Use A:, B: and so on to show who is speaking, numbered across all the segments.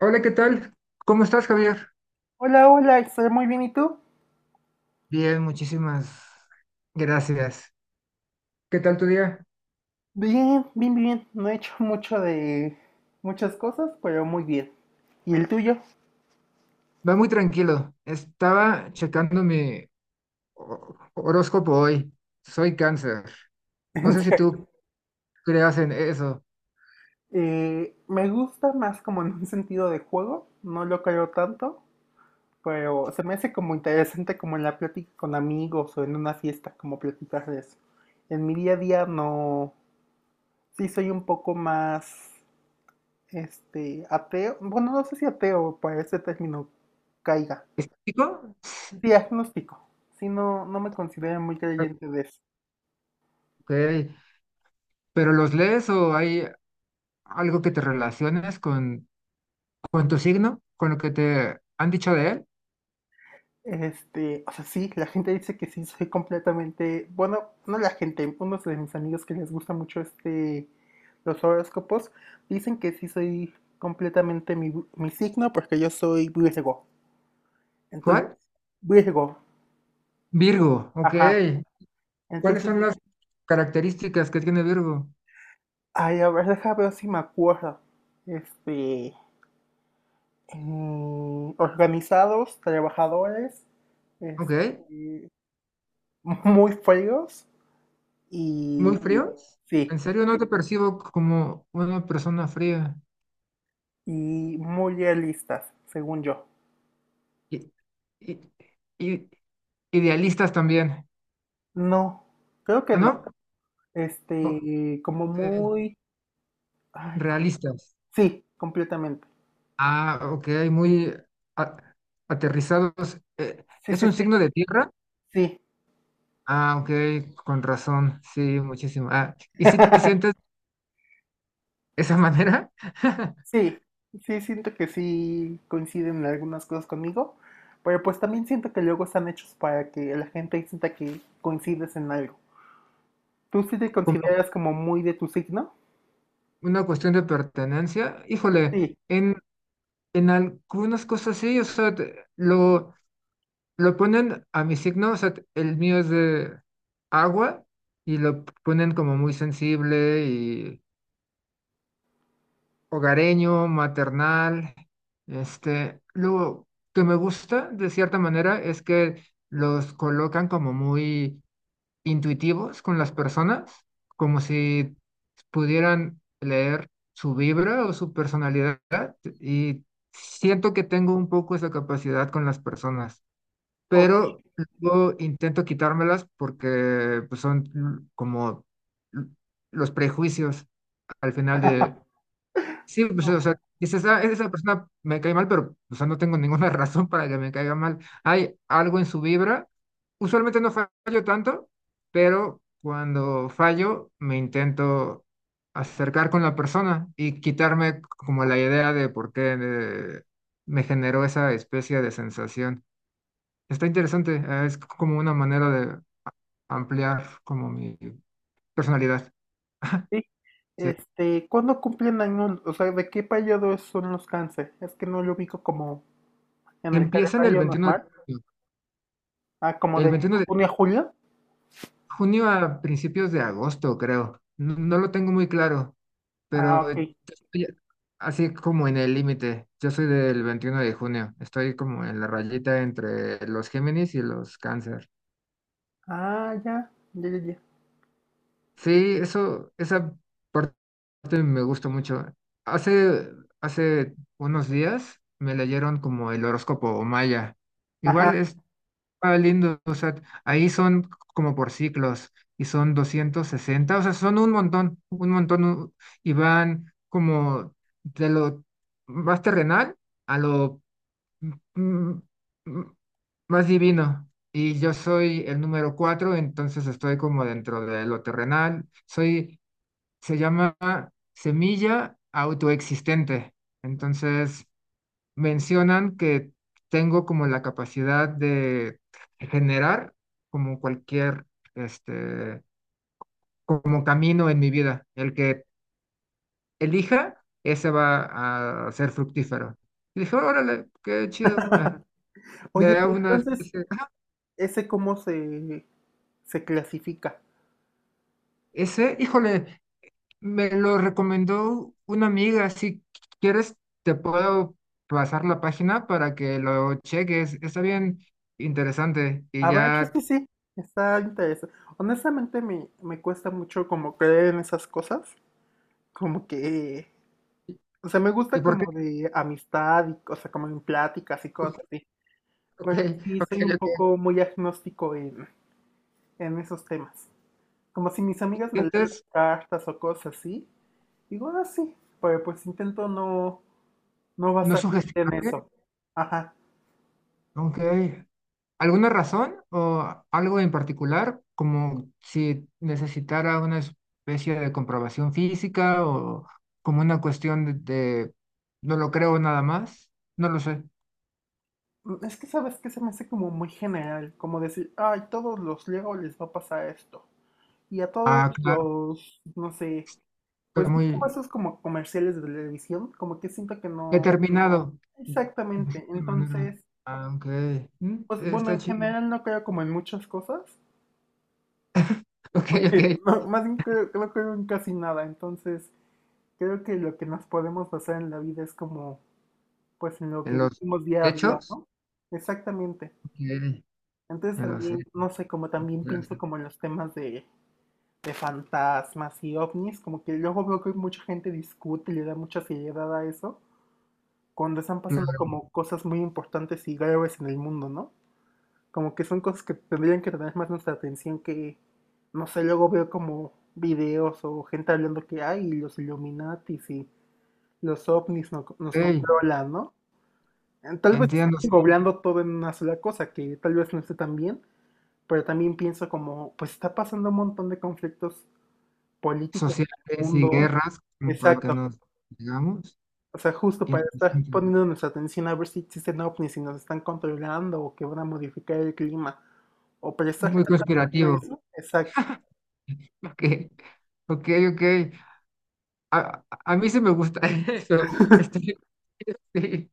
A: Hola, ¿qué tal? ¿Cómo estás, Javier?
B: Hola, hola, estoy muy bien, ¿y tú?
A: Bien, muchísimas gracias. ¿Qué tal tu día?
B: Bien, bien, bien. No he hecho mucho de muchas cosas, pero muy bien. ¿Y el tuyo?
A: Va muy tranquilo. Estaba checando mi horóscopo hoy. Soy cáncer. No
B: En
A: sé si tú creas en eso.
B: Me gusta más como en un sentido de juego, no lo creo tanto, pero se me hace como interesante como en la plática con amigos o en una fiesta, como platicar de eso. En mi día a día no, sí soy un poco más, ateo, bueno, no sé si ateo para ese término caiga.
A: ¿Chico?
B: Sí, agnóstico. Sí, no, no me considero muy creyente de eso.
A: Ok, pero ¿los lees o hay algo que te relaciones con tu signo? ¿Con lo que te han dicho de él?
B: O sea, sí, la gente dice que sí, soy completamente, bueno, no la gente, unos de mis amigos que les gusta mucho los horóscopos, dicen que sí soy completamente mi signo porque yo soy Virgo. Entonces,
A: ¿Cuál?
B: Virgo,
A: Virgo, ok.
B: ajá.
A: ¿Cuáles
B: Entonces,
A: son las
B: dije,
A: características que tiene Virgo?
B: ay, a ver, déjame ver si me acuerdo. Este, organizados, trabajadores,
A: Ok.
B: este, muy feos
A: ¿Muy
B: y
A: fríos? En
B: sí,
A: serio, no te percibo como una persona fría.
B: y muy realistas, según yo.
A: y y y idealistas también.
B: No, creo que
A: ¿Ah,
B: no.
A: no? Ok,
B: Este, como muy, ay,
A: realistas.
B: sí, completamente.
A: Ah, ok, muy a- aterrizados.
B: Sí,
A: ¿Es
B: sí,
A: un
B: sí,
A: signo de tierra?
B: sí.
A: Ah, ok, con razón. Sí, muchísimo. Ah, ¿y si te sientes de esa manera?
B: Sí, sí, siento que sí coinciden en algunas cosas conmigo, pero pues también siento que luego están hechos para que la gente sienta que coincides en algo. ¿Tú sí te
A: Como
B: consideras como muy de tu signo?
A: una cuestión de pertenencia. Híjole,
B: Sí.
A: en, en algunas cosas sí, o sea, lo ponen a mi signo, o sea, el mío es de agua y lo ponen como muy sensible y hogareño, maternal. Lo que me gusta de cierta manera es que los colocan como muy intuitivos con las personas, como si pudieran leer su vibra o su personalidad y siento que tengo un poco esa capacidad con las personas,
B: o-
A: pero luego intento quitármelas porque, pues, son como l- los prejuicios al final de, sí, pues, o sea, dices, "Ah, esa persona me cae mal, pero, o sea, no tengo ninguna razón para que me caiga mal. Hay algo en su vibra." Usualmente no fallo tanto, pero cuando fallo me intento acercar con la persona y quitarme como la idea de por qué me generó esa especie de sensación. Está interesante, es como una manera de ampliar como mi personalidad.
B: sí.
A: Sí.
B: ¿Cuándo cumplen años? O sea, ¿de qué periodo son los cáncer? Es que no lo ubico como en el
A: Empieza en el
B: calendario
A: veintiuno de
B: normal.
A: junio,
B: Ah, como
A: el
B: de
A: veintiuno de
B: junio a julio.
A: junio a principios de agosto, creo. No, no lo tengo muy claro,
B: Ah,
A: pero
B: ok.
A: yo estoy así como en el límite. Yo soy del 21 de junio, estoy como en la rayita entre los Géminis y los Cáncer.
B: Ah, ya, ya, ya, ya.
A: Sí, eso, esa parte me gusta mucho. Hace, hace unos días me leyeron como el horóscopo maya. Igual
B: Ajá.
A: está lindo, o sea, ahí son como por ciclos y son 260, o sea, son un montón, y van como de lo más terrenal a lo mm, mm, más divino. Y yo soy el número 4, entonces estoy como dentro de lo terrenal. Se llama semilla autoexistente. Entonces, mencionan que tengo como la capacidad de generar como cualquier, este, como camino en mi vida. El que elija, ese va a ser fructífero. Y dije, órale, qué chido. Me
B: Oye,
A: da
B: pues
A: una
B: entonces,
A: especie
B: ¿ese cómo se, ¿se clasifica?
A: Ese, híjole, me lo recomendó una amiga. Si quieres, te puedo pasar la página para que lo cheques. Está bien interesante. Y
B: A ver, sí,
A: ya,
B: sí, sí. Está interesante. Honestamente, me cuesta mucho como creer en esas cosas. Como que, o sea, me
A: ¿y
B: gusta
A: por qué?
B: como de amistad y, o sea, como en pláticas y cosas así.
A: Ok,
B: Pues sí,
A: ok,
B: soy un
A: ok.
B: poco muy agnóstico en esos temas. Como si mis amigas me leen las
A: ¿Sientes
B: cartas o cosas así, digo, ah, sí, pero pues intento no, no
A: no
B: basarme en
A: sugestionarte?
B: eso. Ajá.
A: Ok. ¿Alguna razón o algo en particular? Como si necesitara una especie de comprobación física o como una cuestión de no lo creo nada más. No lo sé.
B: Es que sabes que se me hace como muy general, como decir, ay, todos los Leo les va a pasar esto. Y a todos
A: Ah,
B: los, no sé,
A: está
B: pues es como
A: muy
B: esos como comerciales de televisión, como que siento que no.
A: determinado de
B: Exactamente.
A: cierta manera,
B: Entonces,
A: aunque
B: pues bueno,
A: está
B: en
A: chido.
B: general no creo como en muchas cosas.
A: Ok, ok.
B: Porque no, más bien creo que no en casi nada. Entonces, creo que lo que nos podemos basar en la vida es como, pues, en lo que
A: En los
B: vivimos día a día,
A: hechos,
B: ¿no? Exactamente.
A: ok,
B: Entonces
A: en los
B: también,
A: hechos.
B: no sé, como también pienso como en los temas de fantasmas y ovnis, como que luego veo que mucha gente discute y le da mucha seriedad a eso, cuando están pasando
A: Claro,
B: como cosas muy importantes y graves en el mundo, ¿no? Como que son cosas que tendrían que tener más nuestra atención que, no sé, luego veo como videos o gente hablando que hay los Illuminatis y los ovnis nos
A: ok,
B: controlan, ¿no? Tal vez están
A: entiendo, sí.
B: englobando todo en una sola cosa, que tal vez no esté tan bien, pero también pienso como, pues está pasando un montón de conflictos políticos en el
A: Sociales y
B: mundo.
A: guerras, como para que
B: Exacto.
A: nos digamos.
B: O sea, justo para estar
A: Interesante.
B: poniendo nuestra atención a ver si existen ovnis, y nos están controlando o que van a modificar el clima, o prestarle
A: Muy
B: tanta atención a
A: conspirativo.
B: eso. Exacto.
A: Ok, ok, ok. A mí sí me gusta eso. Estoy, sí.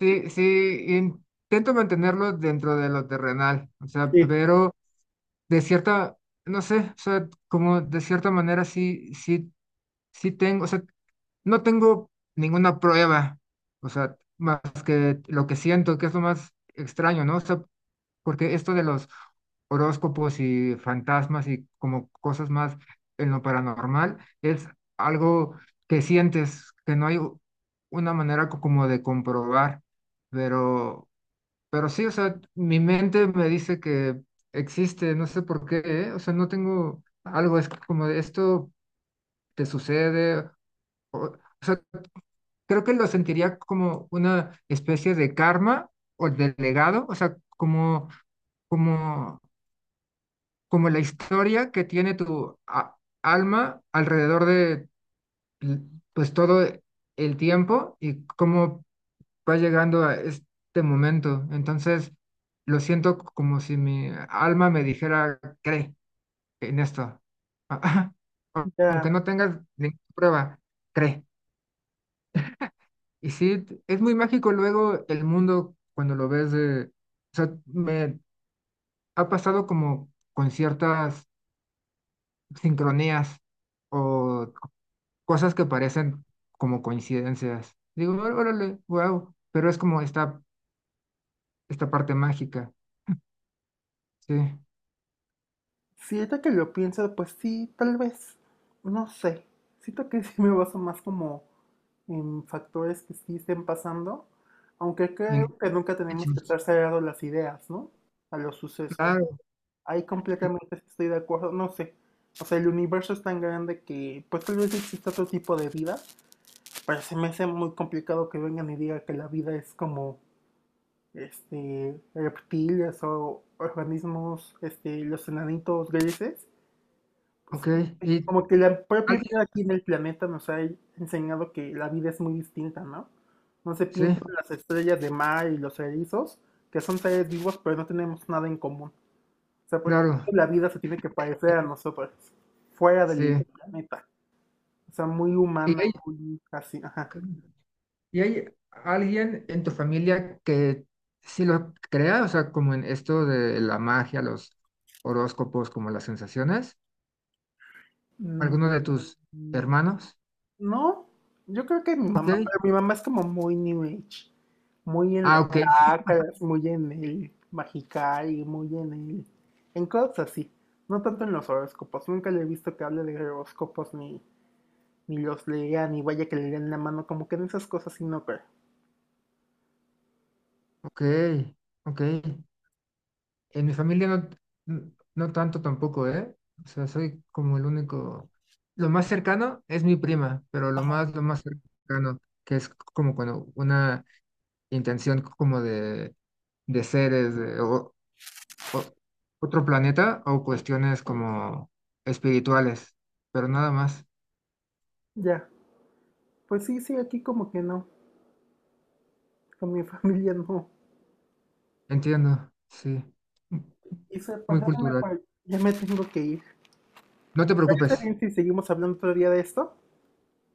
A: Sí, sí, intento mantenerlo dentro de lo terrenal, o sea,
B: Sí,
A: pero de cierta, no sé, o sea, como de cierta manera sí, sí, sí tengo, o sea, no tengo ninguna prueba, o sea, más que lo que siento, que es lo más extraño, ¿no? O sea, porque esto de los horóscopos y fantasmas y como cosas más en lo paranormal, es algo que sientes, que no hay una manera como de comprobar, pero pero sí, o sea, mi mente me dice que existe, no sé por qué, ¿eh? O sea, no tengo algo, es como de esto te sucede, o sea, creo que lo sentiría como una especie de karma o de legado, o sea, como, como la historia que tiene tu alma alrededor de, l- pues, todo el tiempo y como va llegando a este momento. Entonces, lo siento como si mi alma me dijera, cree en esto. Aunque
B: ya,
A: no tengas ninguna prueba, cree. Y sí, es muy mágico luego el mundo cuando lo ves de... O sea, me ha pasado como con ciertas sincronías o cosas que parecen como coincidencias. Digo, Órale, wow, pero es como esta parte mágica, sí."
B: si ahorita que lo pienso, pues sí, tal vez, no sé, siento que sí me baso más como en factores que sí estén pasando, aunque creo
A: En,
B: que nunca tenemos que
A: hechos,
B: estar cerrados las ideas, ¿no? A los sucesos.
A: claro,
B: Ahí
A: sí,
B: completamente estoy de acuerdo, no sé, o sea, el universo es tan grande que pues tal vez exista otro tipo de vida, pero se me hace muy complicado que vengan y digan que la vida es como reptiles o organismos, los enanitos grises, pues
A: ok. Y
B: como que la propia
A: alguien,
B: vida aquí en el planeta nos ha enseñado que la vida es muy distinta, ¿no? No se
A: sí,
B: piensa en las estrellas de mar y los erizos, que son seres vivos, pero no tenemos nada en común. O sea, por ejemplo,
A: claro,
B: la vida se tiene que parecer
A: y-
B: a nosotros, fuera del
A: sí.
B: planeta. O sea, muy
A: ¿Y
B: humana,
A: hay,
B: muy así, ajá.
A: y hay alguien en tu familia que sí lo crea? O sea, como en esto de la magia, los horóscopos, como las sensaciones.
B: Mm,
A: ¿Alguno de tus hermanos?
B: No, yo creo que mi mamá,
A: Ok.
B: pero mi mamá es como muy New Age, muy en
A: Ah,
B: los
A: ok,
B: chakras, muy en el Magical, muy en cosas así, no tanto en los horóscopos, nunca le he visto que hable de horóscopos ni, ni los lea, ni vaya que le den la mano, como que en esas cosas sí no creo.
A: ok, ok. En mi familia no, no tanto tampoco, ¿eh? O sea, soy como el único. Lo más cercano es mi prima, pero lo más cercano, que es como cuando una intención como de seres de o- otro planeta o cuestiones como espirituales, pero nada más.
B: Ya, pues sí, sí, aquí como que no, con mi familia no.
A: Entiendo, sí. M-
B: Y se
A: Muy
B: pasaron
A: cultural.
B: por, ya me tengo que ir.
A: No te preocupes.
B: ¿Parece bien si seguimos hablando otro día de esto?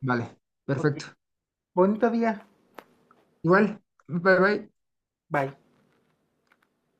A: Vale,
B: Ok,
A: perfecto.
B: bonito día,
A: Igual, bye bye.
B: bye.